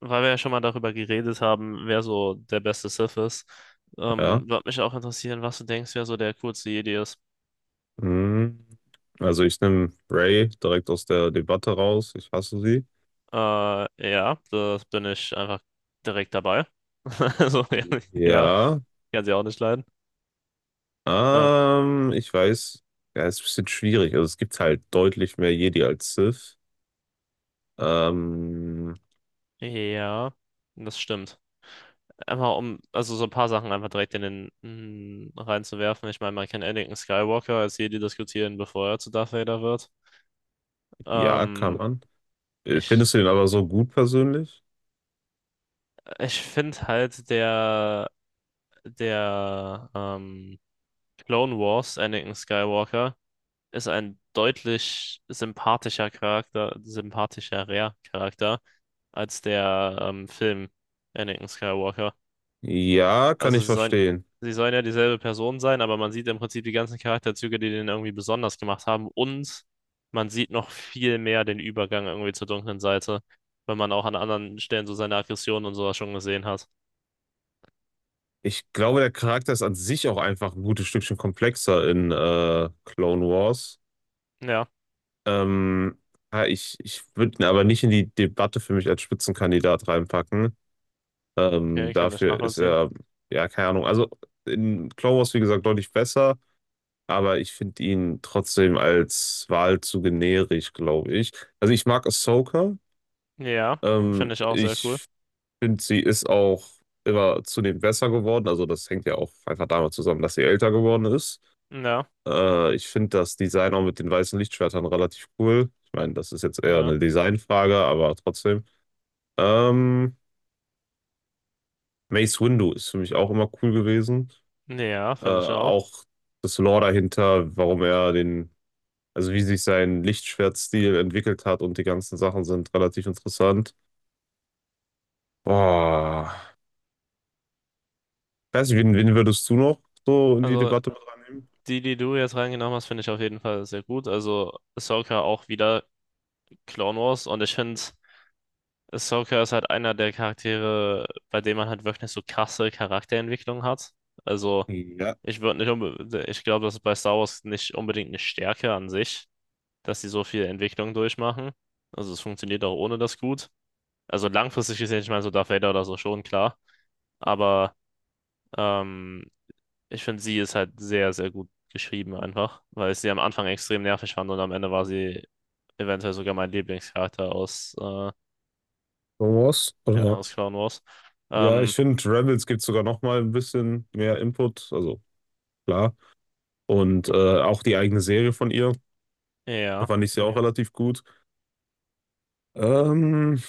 Weil wir ja schon mal darüber geredet haben, wer so der beste Sith ist, Ja. würde mich auch interessieren, was du denkst, wer so der coolste Jedi ist. Hm. Also ich nehme Ray direkt aus der Debatte raus. Ich hasse sie. Ja, da bin ich einfach direkt dabei. Also, ja, ja, Ja. kann sie auch nicht leiden. Äh, Ich weiß, ja, ist ein bisschen schwierig. Also es gibt halt deutlich mehr Jedi als Sith. Ähm, ja, das stimmt. Einfach um, also so ein paar Sachen einfach direkt in den reinzuwerfen. Ich meine, man kann Anakin Skywalker als Jedi diskutieren, bevor er zu Darth Vader wird. ja, kann Ähm, man. Ich Findest du ihn aber so gut persönlich? ich finde halt der Clone Wars Anakin Skywalker ist ein deutlich sympathischerer Charakter als der Film Anakin Skywalker. Ja, kann Also ich sie sollen, verstehen. sie sollen ja dieselbe Person sein, aber man sieht im Prinzip die ganzen Charakterzüge, die den irgendwie besonders gemacht haben. Und man sieht noch viel mehr den Übergang irgendwie zur dunklen Seite, weil man auch an anderen Stellen so seine Aggressionen und sowas schon gesehen hat. Ich glaube, der Charakter ist an sich auch einfach ein gutes Stückchen komplexer in Clone Wars. Ja, Ähm, ja, ich würde ihn aber nicht in die Debatte für mich als Spitzenkandidat reinpacken. Okay, kann ich Dafür ist nachvollziehen. er, ja, keine Ahnung. Also in Clone Wars, wie gesagt, deutlich besser, aber ich finde ihn trotzdem als Wahl zu generisch, glaube ich. Also ich mag Ahsoka. Ja, finde ich auch sehr cool. Ich finde, sie ist auch immer zunehmend besser geworden. Also das hängt ja auch einfach damit zusammen, dass sie älter geworden ist. Ja, Ich finde das Design auch mit den weißen Lichtschwertern relativ cool. Ich meine, das ist jetzt eher ja. eine Designfrage, aber trotzdem. Ähm, Mace Windu ist für mich auch immer cool gewesen. Ja, finde ich auch. Auch das Lore dahinter, warum er den, also wie sich sein Lichtschwertstil entwickelt hat und die ganzen Sachen sind relativ interessant. Boah. Ich weiß nicht, wen würdest du noch so in die Also Debatte mit reinnehmen? die, die du jetzt reingenommen hast, finde ich auf jeden Fall sehr gut. Also Ahsoka auch wieder Clone Wars, und ich finde, Ahsoka ist halt einer der Charaktere, bei dem man halt wirklich so krasse Charakterentwicklung hat. Also Ja. ich würde nicht ich glaube, das ist bei Star Wars nicht unbedingt eine Stärke an sich, dass sie so viel Entwicklung durchmachen. Also es funktioniert auch ohne das gut. Also langfristig gesehen, ich meine, so Darth Vader oder so schon, klar. Aber ähm, ich finde, sie ist halt sehr, sehr gut geschrieben einfach, weil ich sie am Anfang extrem nervig fand und am Ende war sie eventuell sogar mein Lieblingscharakter aus, Star Wars? ja, Oder? aus Clone Wars. Ja, ich Ähm, finde, Rebels gibt sogar noch mal ein bisschen mehr Input. Also klar. Und auch die eigene Serie von ihr, da ja. fand ich sie Ja. auch relativ gut. Ähm,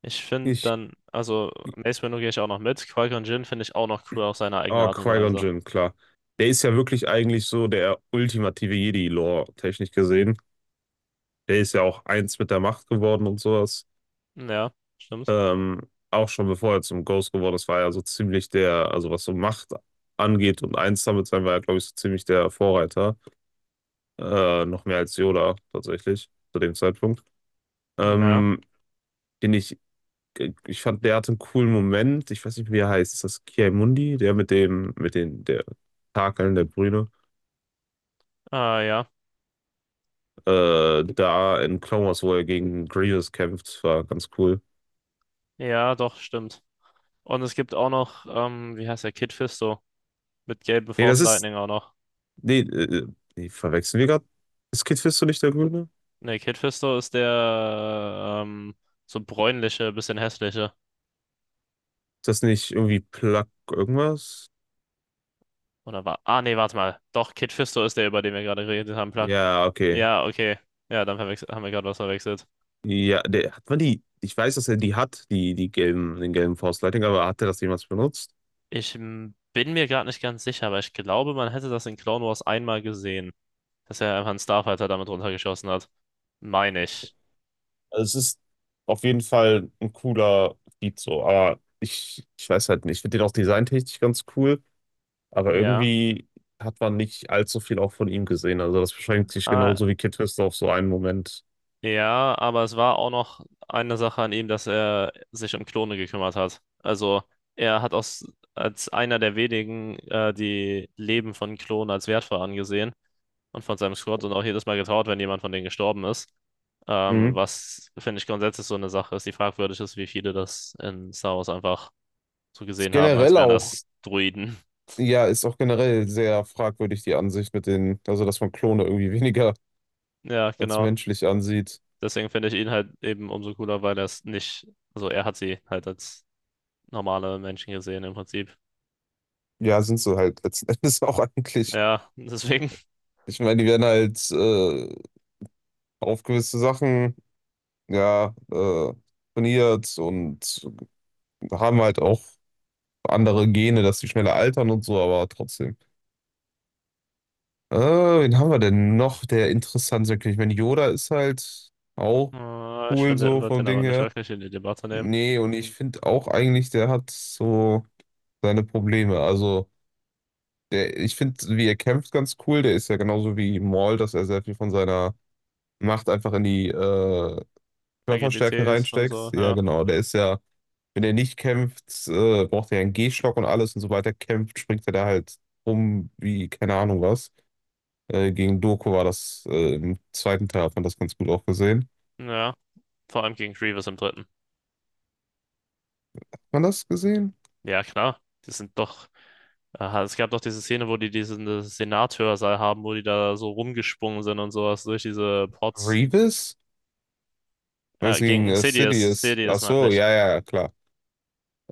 Ich finde ich, dann, also Mace Windu gehe ich auch noch mit. Qui-Gon Jinn finde ich auch noch cool auf seine eigene oh, Art und Qui-Gon Weise. Jinn, klar. Der ist ja wirklich eigentlich so der ultimative Jedi-Lore, technisch gesehen. Der ist ja auch eins mit der Macht geworden und sowas. Ja, stimmt. Ähm, Auch schon bevor er zum Ghost geworden ist, war er so ziemlich der, also was so Macht angeht und eins damit sein, war er, glaube ich, so ziemlich der Vorreiter. Noch mehr als Yoda tatsächlich zu dem Zeitpunkt. Ja, Ähm, den ich Ich fand, der hatte einen coolen Moment. Ich weiß nicht, wie er heißt. Ist das Kiai-Mundi? Der mit den, der Takeln, der Brüne. ah, ja. Da in Clone Wars, wo er gegen Grievous kämpft, war ganz cool. Ja, doch, stimmt. Und es gibt auch noch, wie heißt der, Kid Fisto mit gelben Nee, Force das ist. Lightning auch noch. Nee, nee verwechseln wir gerade. Ist Kid Fisto nicht der Grüne? Ne, Kid Fisto ist der so bräunliche, bisschen hässliche. Ist das nicht irgendwie Plug irgendwas? Oder war. Ah, nee, warte mal. Doch, Kid Fisto ist der, über den wir gerade geredet haben, Plug. Ja, okay. Ja, okay. Ja, dann haben wir gerade was verwechselt. Ja, der, hat man die. Ich weiß, dass er die hat, die gelben, den gelben Force Lightning, aber hat er das jemals benutzt? Bin mir gerade nicht ganz sicher, aber ich glaube, man hätte das in Clone Wars einmal gesehen, dass er einfach einen Starfighter damit runtergeschossen hat. Meine Okay. ich. Also es ist auf jeden Fall ein cooler Beat so, aber ich weiß halt nicht. Ich finde den auch designtechnisch ganz cool, aber Ja. irgendwie hat man nicht allzu viel auch von ihm gesehen. Also das beschränkt sich Äh, genauso wie Kid Twister auf so einen Moment. Ja, aber es war auch noch eine Sache an ihm, dass er sich um Klone gekümmert hat. Also er hat aus, als einer der wenigen die Leben von Klonen als wertvoll angesehen und von seinem Squad, und auch jedes Mal getrauert, wenn jemand von denen gestorben ist. Mhm. Was, finde ich, grundsätzlich so eine Sache ist, die fragwürdig ist, wie viele das in Star Wars einfach so Ist gesehen haben, als generell wären auch, das Droiden. ja, ist auch generell sehr fragwürdig die Ansicht mit den, also dass man Klone irgendwie weniger Ja, als genau. menschlich ansieht. Deswegen finde ich ihn halt eben umso cooler, weil er es nicht, also er hat sie halt als normale Menschen gesehen im Prinzip. Ja, sind sie halt letzten Endes auch eigentlich. Ja, deswegen, Ich meine, die werden halt auf gewisse Sachen ja, äh, trainiert und haben halt auch andere Gene, dass sie schneller altern und so, aber trotzdem. Wen haben wir denn noch, der interessant sein könnte? Ich meine, Yoda ist halt auch ich cool finde, er so wird vom den Ding aber nicht her. wirklich in die Debatte nehmen. Nee, und ich finde auch eigentlich, der hat so seine Probleme. Also, der, ich finde, wie er kämpft, ganz cool. Der ist ja genauso wie Maul, dass er sehr viel von seiner Macht einfach in die Körperstärke Agilität und reinsteckt. so, Ja, ja. genau, der ist ja. Wenn er nicht kämpft, braucht er ja einen Gehstock und alles und so weiter. Kämpft, springt er da halt rum wie keine Ahnung was. Gegen Doku war das im zweiten Teil, hat man das ganz gut auch gesehen. Hat Ja, vor allem gegen Grievous im dritten. man das gesehen? Ja, klar, die sind doch. Aha, es gab doch diese Szene, wo die diesen Senatshörsaal haben, wo die da so rumgesprungen sind und sowas durch diese Pots. Grievous? Meinst du gegen Gegen Sidious? Ach Sidious meinte so, ich. ja, ja, ja, klar.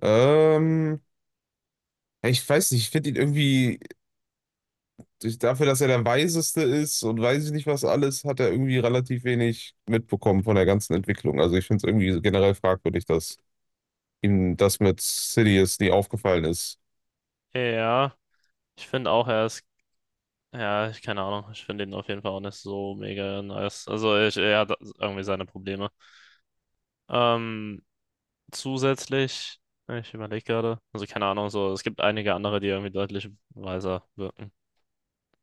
Ähm, ja, ich weiß nicht, ich finde ihn irgendwie, durch- dafür, dass er der Weiseste ist und weiß ich nicht was alles, hat er irgendwie relativ wenig mitbekommen von der ganzen Entwicklung. Also ich finde es irgendwie generell fragwürdig, dass ihm das mit Sidious nie aufgefallen ist. Ja, ich finde auch, er ist. Ja, ich keine Ahnung. Ich finde ihn auf jeden Fall auch nicht so mega nice. Also, ich, er hat irgendwie seine Probleme. Ähm, zusätzlich. Ich überlege gerade. Also keine Ahnung, so, es gibt einige andere, die irgendwie deutlich weiser wirken.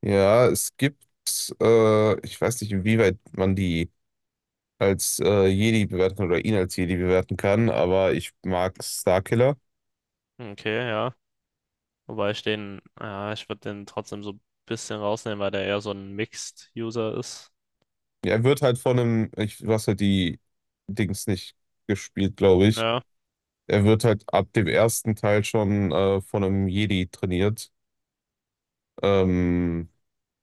Ja, es gibt, ich weiß nicht, inwieweit man die als Jedi bewerten kann oder ihn als Jedi bewerten kann, aber ich mag Starkiller. Okay, ja. Wobei ich den, ja, ich würde den trotzdem so ein bisschen rausnehmen, weil der eher so ein Mixed-User ist. Ja, er wird halt von einem, du hast halt die Dings nicht gespielt, glaube ich. Ja. Er wird halt ab dem ersten Teil schon von einem Jedi trainiert. Ähm,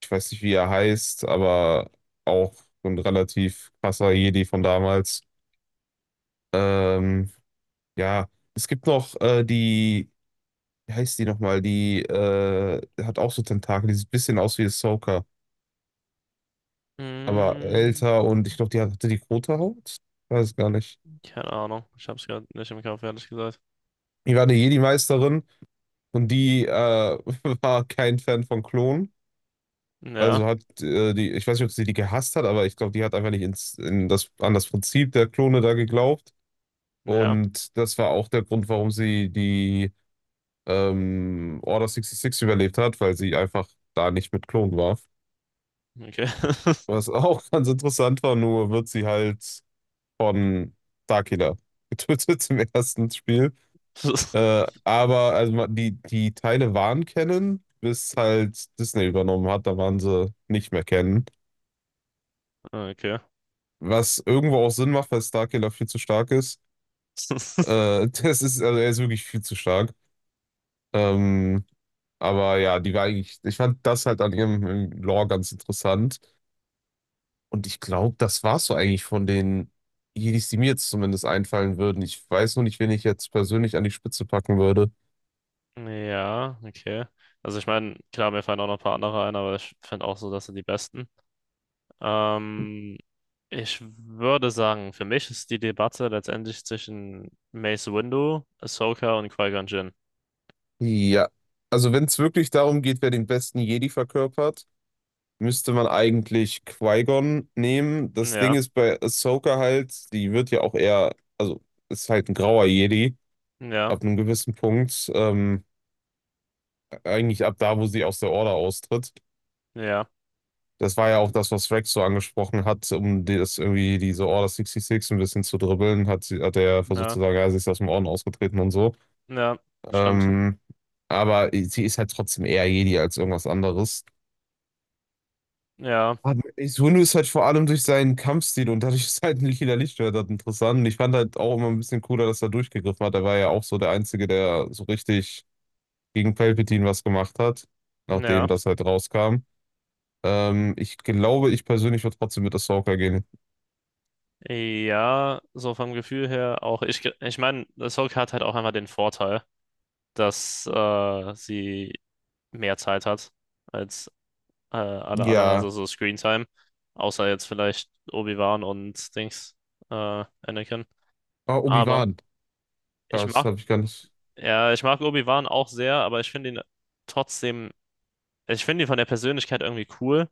Ich weiß nicht, wie er heißt, aber auch so ein relativ krasser Jedi von damals. Ähm, ja, es gibt noch die. Wie heißt die nochmal? Die hat auch so Tentakel, die sieht ein bisschen aus wie Ahsoka, aber Hm, älter und ich glaube, die hatte die rote Haut? Weiß gar nicht. keine Ahnung. Ich hab's gerade nicht im Kopf, ehrlich gesagt. Die war eine Jedi-Meisterin und die war kein Fan von Klonen. Ja, Also hat die, ich weiß nicht, ob sie die gehasst hat, aber ich glaube, die hat einfach nicht an das Prinzip der Klone da geglaubt. ja. Und das war auch der Grund, warum sie die Order 66 überlebt hat, weil sie einfach da nicht mit Klonen war. Okay. Was auch ganz interessant war, nur wird sie halt von Darkiller getötet im ersten Spiel. Aber also ma- die Teile waren Canon, bis halt Disney übernommen hat, da waren sie nicht mehr Canon. Okay. Was irgendwo auch Sinn macht, weil Starkiller viel zu stark ist. Das ist, also er ist wirklich viel zu stark. Ähm, aber ja, die war eigentlich, ich fand das halt an ihrem Lore ganz interessant. Und ich glaube, das war's so eigentlich von den Jedis, die mir jetzt zumindest einfallen würden. Ich weiß nur nicht, wen ich jetzt persönlich an die Spitze packen würde. Ja, okay. Also ich meine, klar, mir fallen auch noch ein paar andere ein, aber ich finde auch so, das sind die besten. Ähm, Ich würde sagen, für mich ist die Debatte letztendlich zwischen Mace Windu, Ahsoka und Qui-Gon Jinn. Ja, also wenn es wirklich darum geht, wer den besten Jedi verkörpert, müsste man eigentlich Qui-Gon nehmen. Das Ding Ja, ist bei Ahsoka halt, die wird ja auch eher, also ist halt ein grauer Jedi ja, ab einem gewissen Punkt, eigentlich ab da, wo sie aus der Order austritt. ja, Das war ja auch das, was Rex so angesprochen hat, um die- das irgendwie diese Order 66 ein bisschen zu dribbeln, hat, sie- hat er versucht ja, zu sagen, ja, sie ist aus dem Orden ausgetreten und so. ja, stimmt. Ähm, aber sie ist halt trotzdem eher Jedi als irgendwas anderes. Ja, Aber Sunu ist halt vor allem durch seinen Kampfstil und dadurch ist halt ein lila Lichtschwert halt interessant. Und ich fand halt auch immer ein bisschen cooler, dass er durchgegriffen hat. Er war ja auch so der Einzige, der so richtig gegen Palpatine was gemacht hat, nachdem ja, das halt rauskam. Ich glaube, ich persönlich würde trotzdem mit Ahsoka gehen. ja, so vom Gefühl her auch. Ich meine, Ahsoka hat halt auch einmal den Vorteil, dass sie mehr Zeit hat als alle anderen, Ja, also so Screentime. Außer jetzt vielleicht Obi-Wan und Dings, Anakin. ah, Aber Obi-Wan. ich Das mag. habe ich gar nicht. Ja, ich mag Obi-Wan auch sehr, aber ich finde ihn trotzdem, also ich finde ihn von der Persönlichkeit irgendwie cool,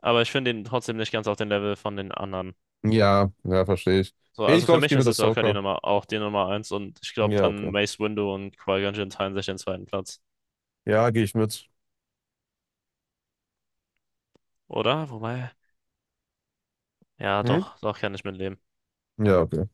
aber ich finde ihn trotzdem nicht ganz auf dem Level von den anderen. Ja, ja, verstehe ich. So, Nee, ich also für glaube, ich mich gehe ist mit es Ahsoka die Ahsoka. Nummer, auch die Nummer eins, und ich glaube Ja, dann okay. Mace Windu und Qui-Gon Jinn teilen sich den zweiten Platz. Ja, gehe ich mit. Oder? Wobei, ja, Hm? doch, doch kann ich mitleben. Ja, okay.